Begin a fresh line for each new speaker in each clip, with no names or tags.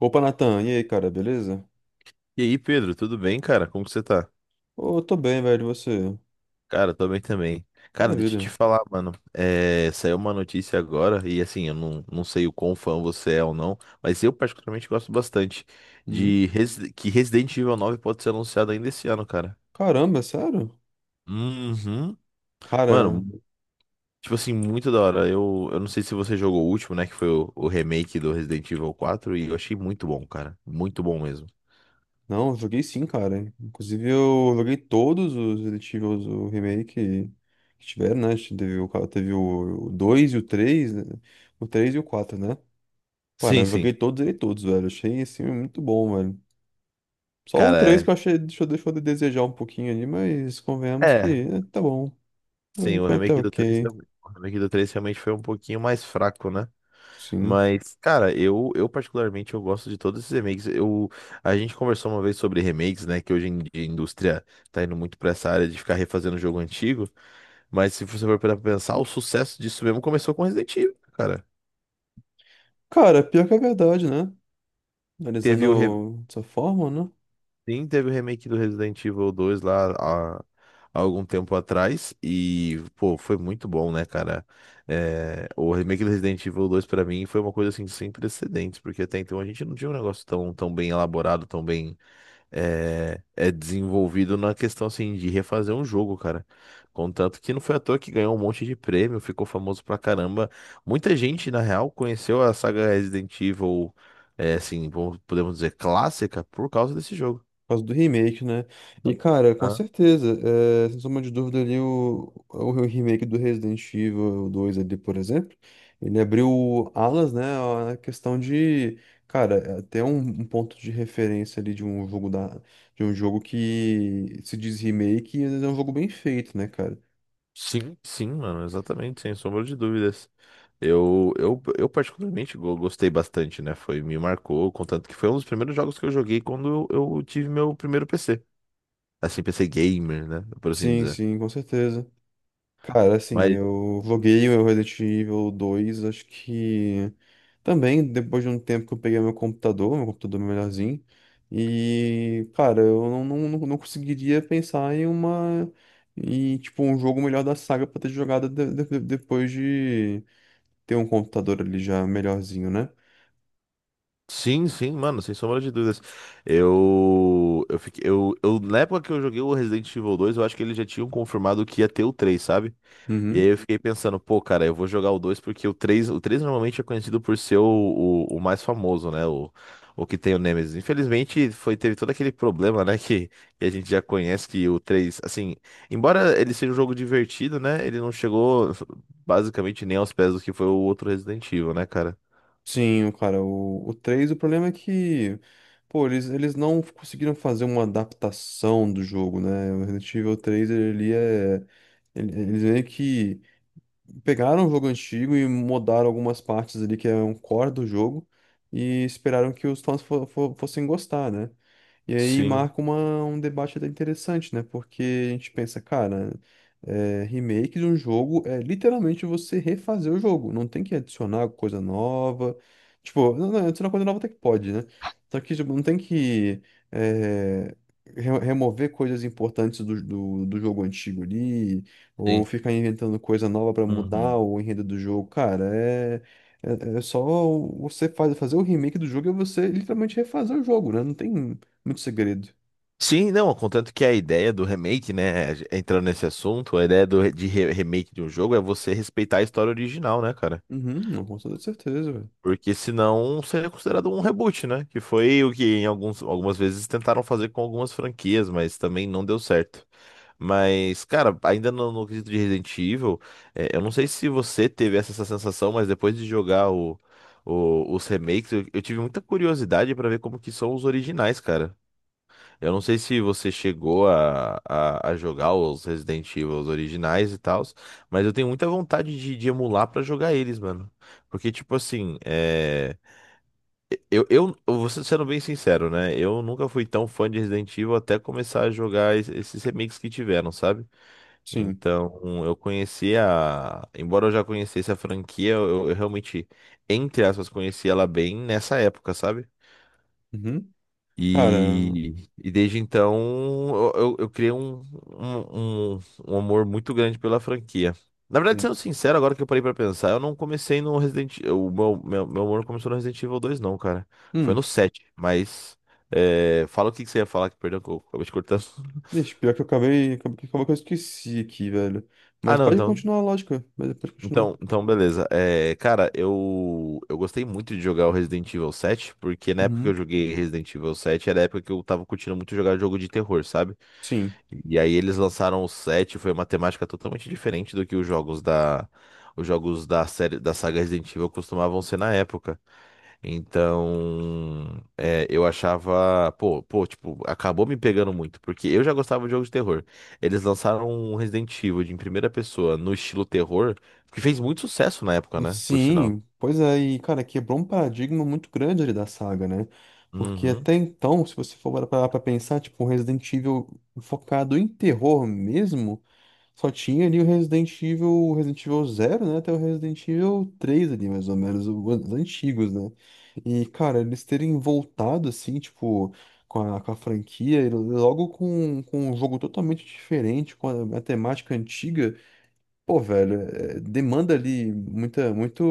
Opa, Natan, e aí, cara, beleza?
E aí, Pedro, tudo bem, cara? Como que você tá?
Ô, tô bem, velho, e você?
Cara, tô bem também. Cara, deixa eu
Maravilha.
te falar, mano. Saiu uma notícia agora, e assim, eu não sei o quão fã você é ou não, mas eu particularmente gosto bastante
Hum?
de que Resident Evil 9 pode ser anunciado ainda esse ano, cara.
Caramba, é sério?
Uhum.
Cara,
Mano, tipo assim, muito da hora. Eu não sei se você jogou o último, né? Que foi o remake do Resident Evil 4, e eu achei muito bom, cara. Muito bom mesmo.
não, eu joguei sim, cara. Inclusive, eu joguei todos os Resident Evil, o remake que tiveram, né? Teve o, teve o 2 e o 3, né? O 3 e o 4, né? Cara,
Sim,
eu joguei
sim.
todos e todos, velho. Achei, assim, muito bom, velho. Só o
Cara,
3 que eu achei, deixou de desejar um pouquinho ali, mas
é.
convenhamos que,
É.
tá bom.
Sim,
Foi foi até ok,
o remake do 3 realmente foi um pouquinho mais fraco, né?
sim.
Mas, cara, eu particularmente eu gosto de todos esses remakes. Eu, a gente conversou uma vez sobre remakes, né? Que hoje em dia a indústria tá indo muito pra essa área de ficar refazendo jogo antigo. Mas se você for para pensar, o sucesso disso mesmo começou com Resident Evil, cara.
Cara, pior que é verdade, né?
Teve o, re-
Analisando dessa forma, né?
Sim, teve o remake do Resident Evil 2 lá há algum tempo atrás e, pô, foi muito bom, né, cara? É, o remake do Resident Evil 2 pra mim foi uma coisa assim sem precedentes, porque até então a gente não tinha um negócio tão bem elaborado, tão bem desenvolvido na questão assim de refazer um jogo, cara. Contanto que não foi à toa que ganhou um monte de prêmio, ficou famoso pra caramba. Muita gente, na real, conheceu a saga Resident Evil, assim, podemos dizer, clássica por causa desse jogo.
Por causa do remake, né? E, cara, com certeza, é, sem sombra de dúvida ali, o remake do Resident Evil dois ali, por exemplo, ele abriu alas, né, a questão de, cara, é até um, um ponto de referência ali de um jogo da, de um jogo que se diz remake e às vezes é um jogo bem feito, né, cara?
Sim, sim, mano, exatamente, sem sombra de dúvidas. Eu particularmente gostei bastante, né? Foi, me marcou, contanto que foi um dos primeiros jogos que eu joguei quando eu tive meu primeiro PC. Assim, PC gamer, né? Por assim
Sim,
dizer.
sim, com certeza. Cara, assim,
Mas
eu loguei o Resident Evil dois acho que também depois de um tempo que eu peguei meu computador melhorzinho, e, cara, eu não conseguiria pensar em uma, em, tipo, um jogo melhor da saga pra ter jogado depois de ter um computador ali já melhorzinho, né?
sim, sim, mano, sem sombra de dúvidas. Eu, na época que eu joguei o Resident Evil dois eu acho que eles já tinham confirmado que ia ter o três, sabe? E aí eu fiquei pensando, pô, cara, eu vou jogar o 2 porque o 3 normalmente é conhecido por ser o mais famoso, né? O que tem o Nemesis. Infelizmente, foi, teve todo aquele problema, né? Que a gente já conhece, que o 3 assim, embora ele seja um jogo divertido, né? Ele não chegou basicamente nem aos pés do que foi o outro Resident Evil, né, cara?
Sim, cara, o 3 o problema é que, pô, eles não conseguiram fazer uma adaptação do jogo, né? O Resident Evil três ele é... Eles meio que pegaram o jogo antigo e mudaram algumas partes ali que é um core do jogo e esperaram que os fãs fossem gostar, né? E aí
Sim,
marca uma, um debate até interessante, né? Porque a gente pensa, cara, é, remake de um jogo é literalmente você refazer o jogo. Não tem que adicionar coisa nova. Tipo, não, adicionar coisa nova até que pode, né? Só que tipo, não tem que é, remover coisas importantes do jogo antigo ali, ou
sim.
ficar inventando coisa nova pra mudar
Uhum.
o enredo do jogo. Cara, é. É só você fazer o remake do jogo é você literalmente refazer o jogo, né? Não tem. Muito segredo.
Sim, não, contanto que a ideia do remake, né? Entrando nesse assunto, a ideia do, remake de um jogo é você respeitar a história original, né, cara?
Uhum, não, com toda certeza, velho.
Porque senão seria considerado um reboot, né? Que foi o que em algumas vezes tentaram fazer com algumas franquias, mas também não deu certo. Mas, cara, ainda no quesito de Resident Evil, é, eu não sei se você teve essa sensação, mas depois de jogar os remakes, eu tive muita curiosidade pra ver como que são os originais, cara. Eu não sei se você chegou a jogar os Resident Evil os originais e tal, mas eu tenho muita vontade de emular pra jogar eles, mano. Porque, tipo assim, é, eu vou sendo bem sincero, né? Eu nunca fui tão fã de Resident Evil até começar a jogar esses remakes que tiveram, sabe?
Sim.
Então, eu conheci a. Embora eu já conhecesse a franquia, eu realmente, entre aspas, conheci ela bem nessa época, sabe?
Uhum. Cara.
E desde então eu criei um, um, um amor muito grande pela franquia. Na verdade,
Hum.
sendo sincero, agora que eu parei pra pensar, eu não comecei no Resident Evil. O meu amor começou no Resident Evil dois não, cara. Foi
Hum.
no 7, mas. É, fala o que que você ia falar que perdeu, que eu acabei te cortando.
Deixa, pior que eu acabei. Acabou que eu esqueci aqui, velho.
Ah,
Mas
não,
pode
então.
continuar a lógica. Mas pode continuar.
Então beleza. É, cara, eu gostei muito de jogar o Resident Evil 7, porque na época que eu
Uhum.
joguei Resident Evil 7 era a época que eu tava curtindo muito jogar jogo de terror, sabe?
Sim.
E aí eles lançaram o 7, foi uma temática totalmente diferente do que os jogos da série, da saga Resident Evil costumavam ser na época. Então, é, eu achava, tipo, acabou me pegando muito, porque eu já gostava de jogos de terror. Eles lançaram um Resident Evil de em primeira pessoa no estilo terror, que fez muito sucesso na época, né? Por sinal.
Sim, pois é, e cara, quebrou um paradigma muito grande ali da saga, né? Porque
Uhum.
até então, se você for parar pra pensar, tipo, um Resident Evil focado em terror mesmo. Só tinha ali o Resident Evil Zero, né? Até o Resident Evil três ali, mais ou menos, os antigos, né? E, cara, eles terem voltado, assim, tipo, com a franquia, e logo com um jogo totalmente diferente, com a temática antiga, pô, velho, é, demanda ali muita, muito,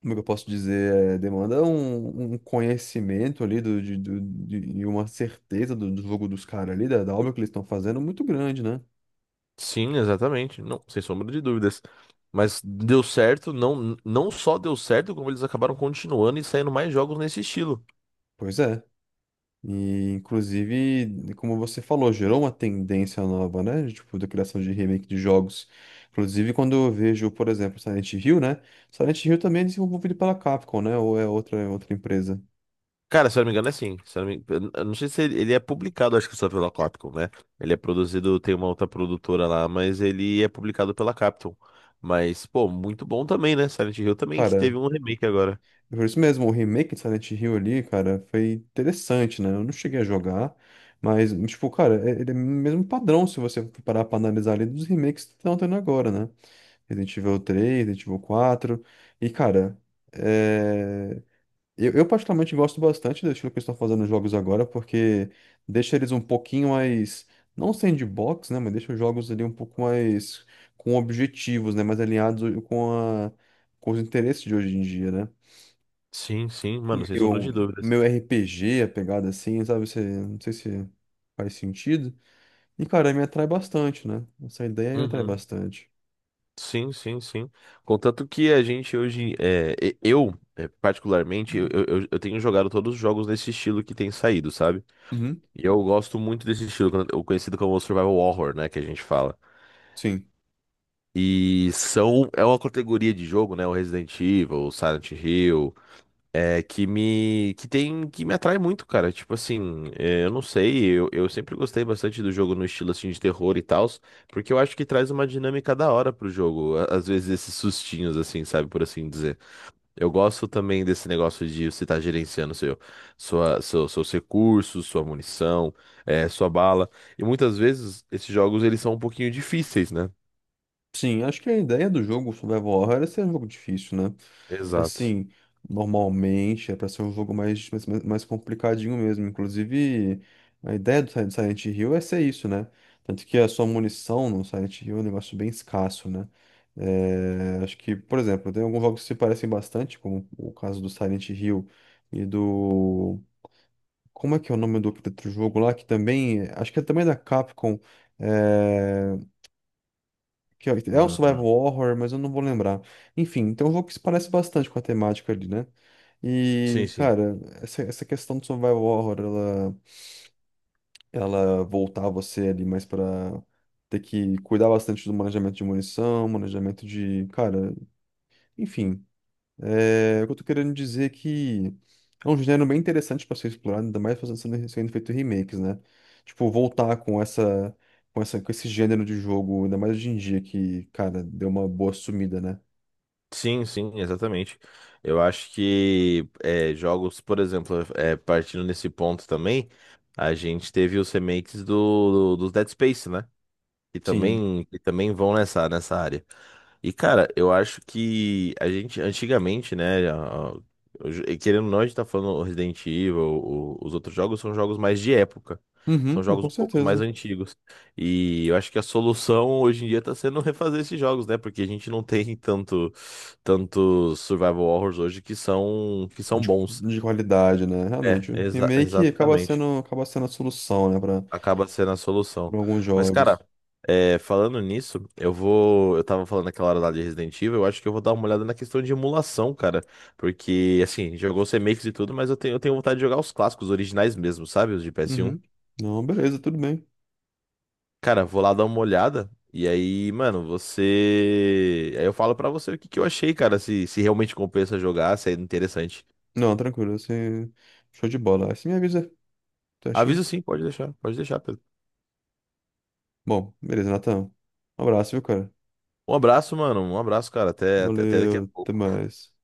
como é que eu posso dizer? É, demanda um, um conhecimento ali do, de, e uma certeza do, do jogo dos caras ali, da, da obra que eles estão fazendo, muito grande, né?
Sim, exatamente. Não, sem sombra de dúvidas. Mas deu certo, não, não só deu certo, como eles acabaram continuando e saindo mais jogos nesse estilo.
Pois é. E, inclusive, como você falou, gerou uma tendência nova, né? De, tipo, da criação de remake de jogos. Inclusive, quando eu vejo, por exemplo, Silent Hill, né? Silent Hill também é desenvolvido pela Capcom, né? Ou é outra empresa.
Cara, se eu não me engano, é assim. Se eu não me... Eu não sei se ele é publicado, acho que só pela Capcom, né? Ele é produzido, tem uma outra produtora lá, mas ele é publicado pela Capcom. Mas, pô, muito bom também, né? Silent Hill também, que
Cara,
teve um remake agora.
é por isso mesmo, o remake de Silent Hill ali, cara, foi interessante, né? Eu não cheguei a jogar, mas, tipo, cara, ele é o mesmo padrão se você for parar pra analisar ali dos remakes que estão tendo agora, né? Resident Evil três, Resident Evil quatro. E, cara, é, eu particularmente gosto bastante do estilo que eles estão fazendo nos jogos agora, porque deixa eles um pouquinho mais, não sandbox, né, mas deixa os jogos ali um pouco mais com objetivos, né, mais alinhados com a, com os interesses de hoje em dia, né?
Sim, sim, mano, sem sombra
Meu,
de dúvidas.
meu RPG, a pegada assim, sabe, você, não sei se faz sentido. E, cara, me atrai bastante, né? Essa ideia me atrai
Uhum.
bastante.
Sim, sim, sim. Contanto que a gente hoje, particularmente, eu tenho jogado todos os jogos nesse estilo que tem saído, sabe?
Uhum.
E eu gosto muito desse estilo, o conhecido como Survival Horror, né? Que a gente fala.
Sim.
E são, é uma categoria de jogo, né? O Resident Evil, o Silent Hill, é, que me atrai muito, cara. Tipo assim, é, eu não sei, eu sempre gostei bastante do jogo no estilo assim de terror e tal, porque eu acho que traz uma dinâmica da hora pro jogo. Às vezes esses sustinhos, assim, sabe, por assim dizer. Eu gosto também desse negócio de você estar gerenciando seus recursos, sua munição, é, sua bala. E muitas vezes esses jogos eles são um pouquinho difíceis, né?
Sim, acho que a ideia do jogo Survival Horror é ser um jogo difícil, né?
Exato.
Assim, normalmente é pra ser um jogo mais complicadinho mesmo. Inclusive, a ideia do Silent Hill é ser isso, né? Tanto que a sua munição no Silent Hill é um negócio bem escasso, né? É, acho que, por exemplo, tem alguns jogos que se parecem bastante, como o caso do Silent Hill e do. Como é que é o nome do outro jogo lá? Que também. Acho que é também da Capcom. É, que é um survival horror, mas eu não vou lembrar. Enfim, então é um jogo que se parece bastante com a temática ali, né?
Sim,
E,
sim.
cara, essa questão do survival horror, ela voltar você ali mais pra ter que cuidar bastante do manejamento de munição, manejamento de, cara, enfim. É, o que eu tô querendo dizer é que é um gênero bem interessante para ser explorado, ainda mais fazendo sendo, sendo feito remakes, né? Tipo, voltar com essa, com essa, com esse gênero de jogo, ainda mais hoje em dia que, cara, deu uma boa sumida, né?
Sim, sim, exatamente. Eu acho que é, jogos, por exemplo, é, partindo nesse ponto também, a gente teve os remakes do Dead Space, né?
Sim.
Que também vão nessa área. E, cara, eu acho que a gente, antigamente, né, e querendo ou não, a gente tá falando o Resident Evil, os outros jogos são jogos mais de época.
Uhum,
São jogos
com
um pouco mais
certeza.
antigos. E eu acho que a solução hoje em dia tá sendo refazer esses jogos, né? Porque a gente não tem tanto, tantos survival horrors hoje que são bons.
De qualidade, né?
É,
Realmente, o remake
exatamente
acaba sendo a solução, né, para
acaba sendo a solução.
alguns
Mas, cara,
jogos.
é, falando nisso, eu vou. Eu tava falando naquela hora lá de Resident Evil, eu acho que eu vou dar uma olhada na questão de emulação, cara. Porque, assim, jogou os remakes e tudo, mas eu tenho vontade de jogar os clássicos, os originais mesmo, sabe? Os de PS1.
Uhum. Não, beleza, tudo bem.
Cara, vou lá dar uma olhada. E aí, mano, você. Aí eu falo pra você o que que eu achei, cara. Se realmente compensa jogar, se é interessante.
Não, tranquilo, assim, show de bola. Aí você me avisa, certinho?
Aviso sim, pode deixar, Pedro.
Bom, beleza, Natan. Um abraço, viu, cara?
Um abraço, mano. Um abraço, cara. Até, até daqui a
Valeu, até
pouco.
mais.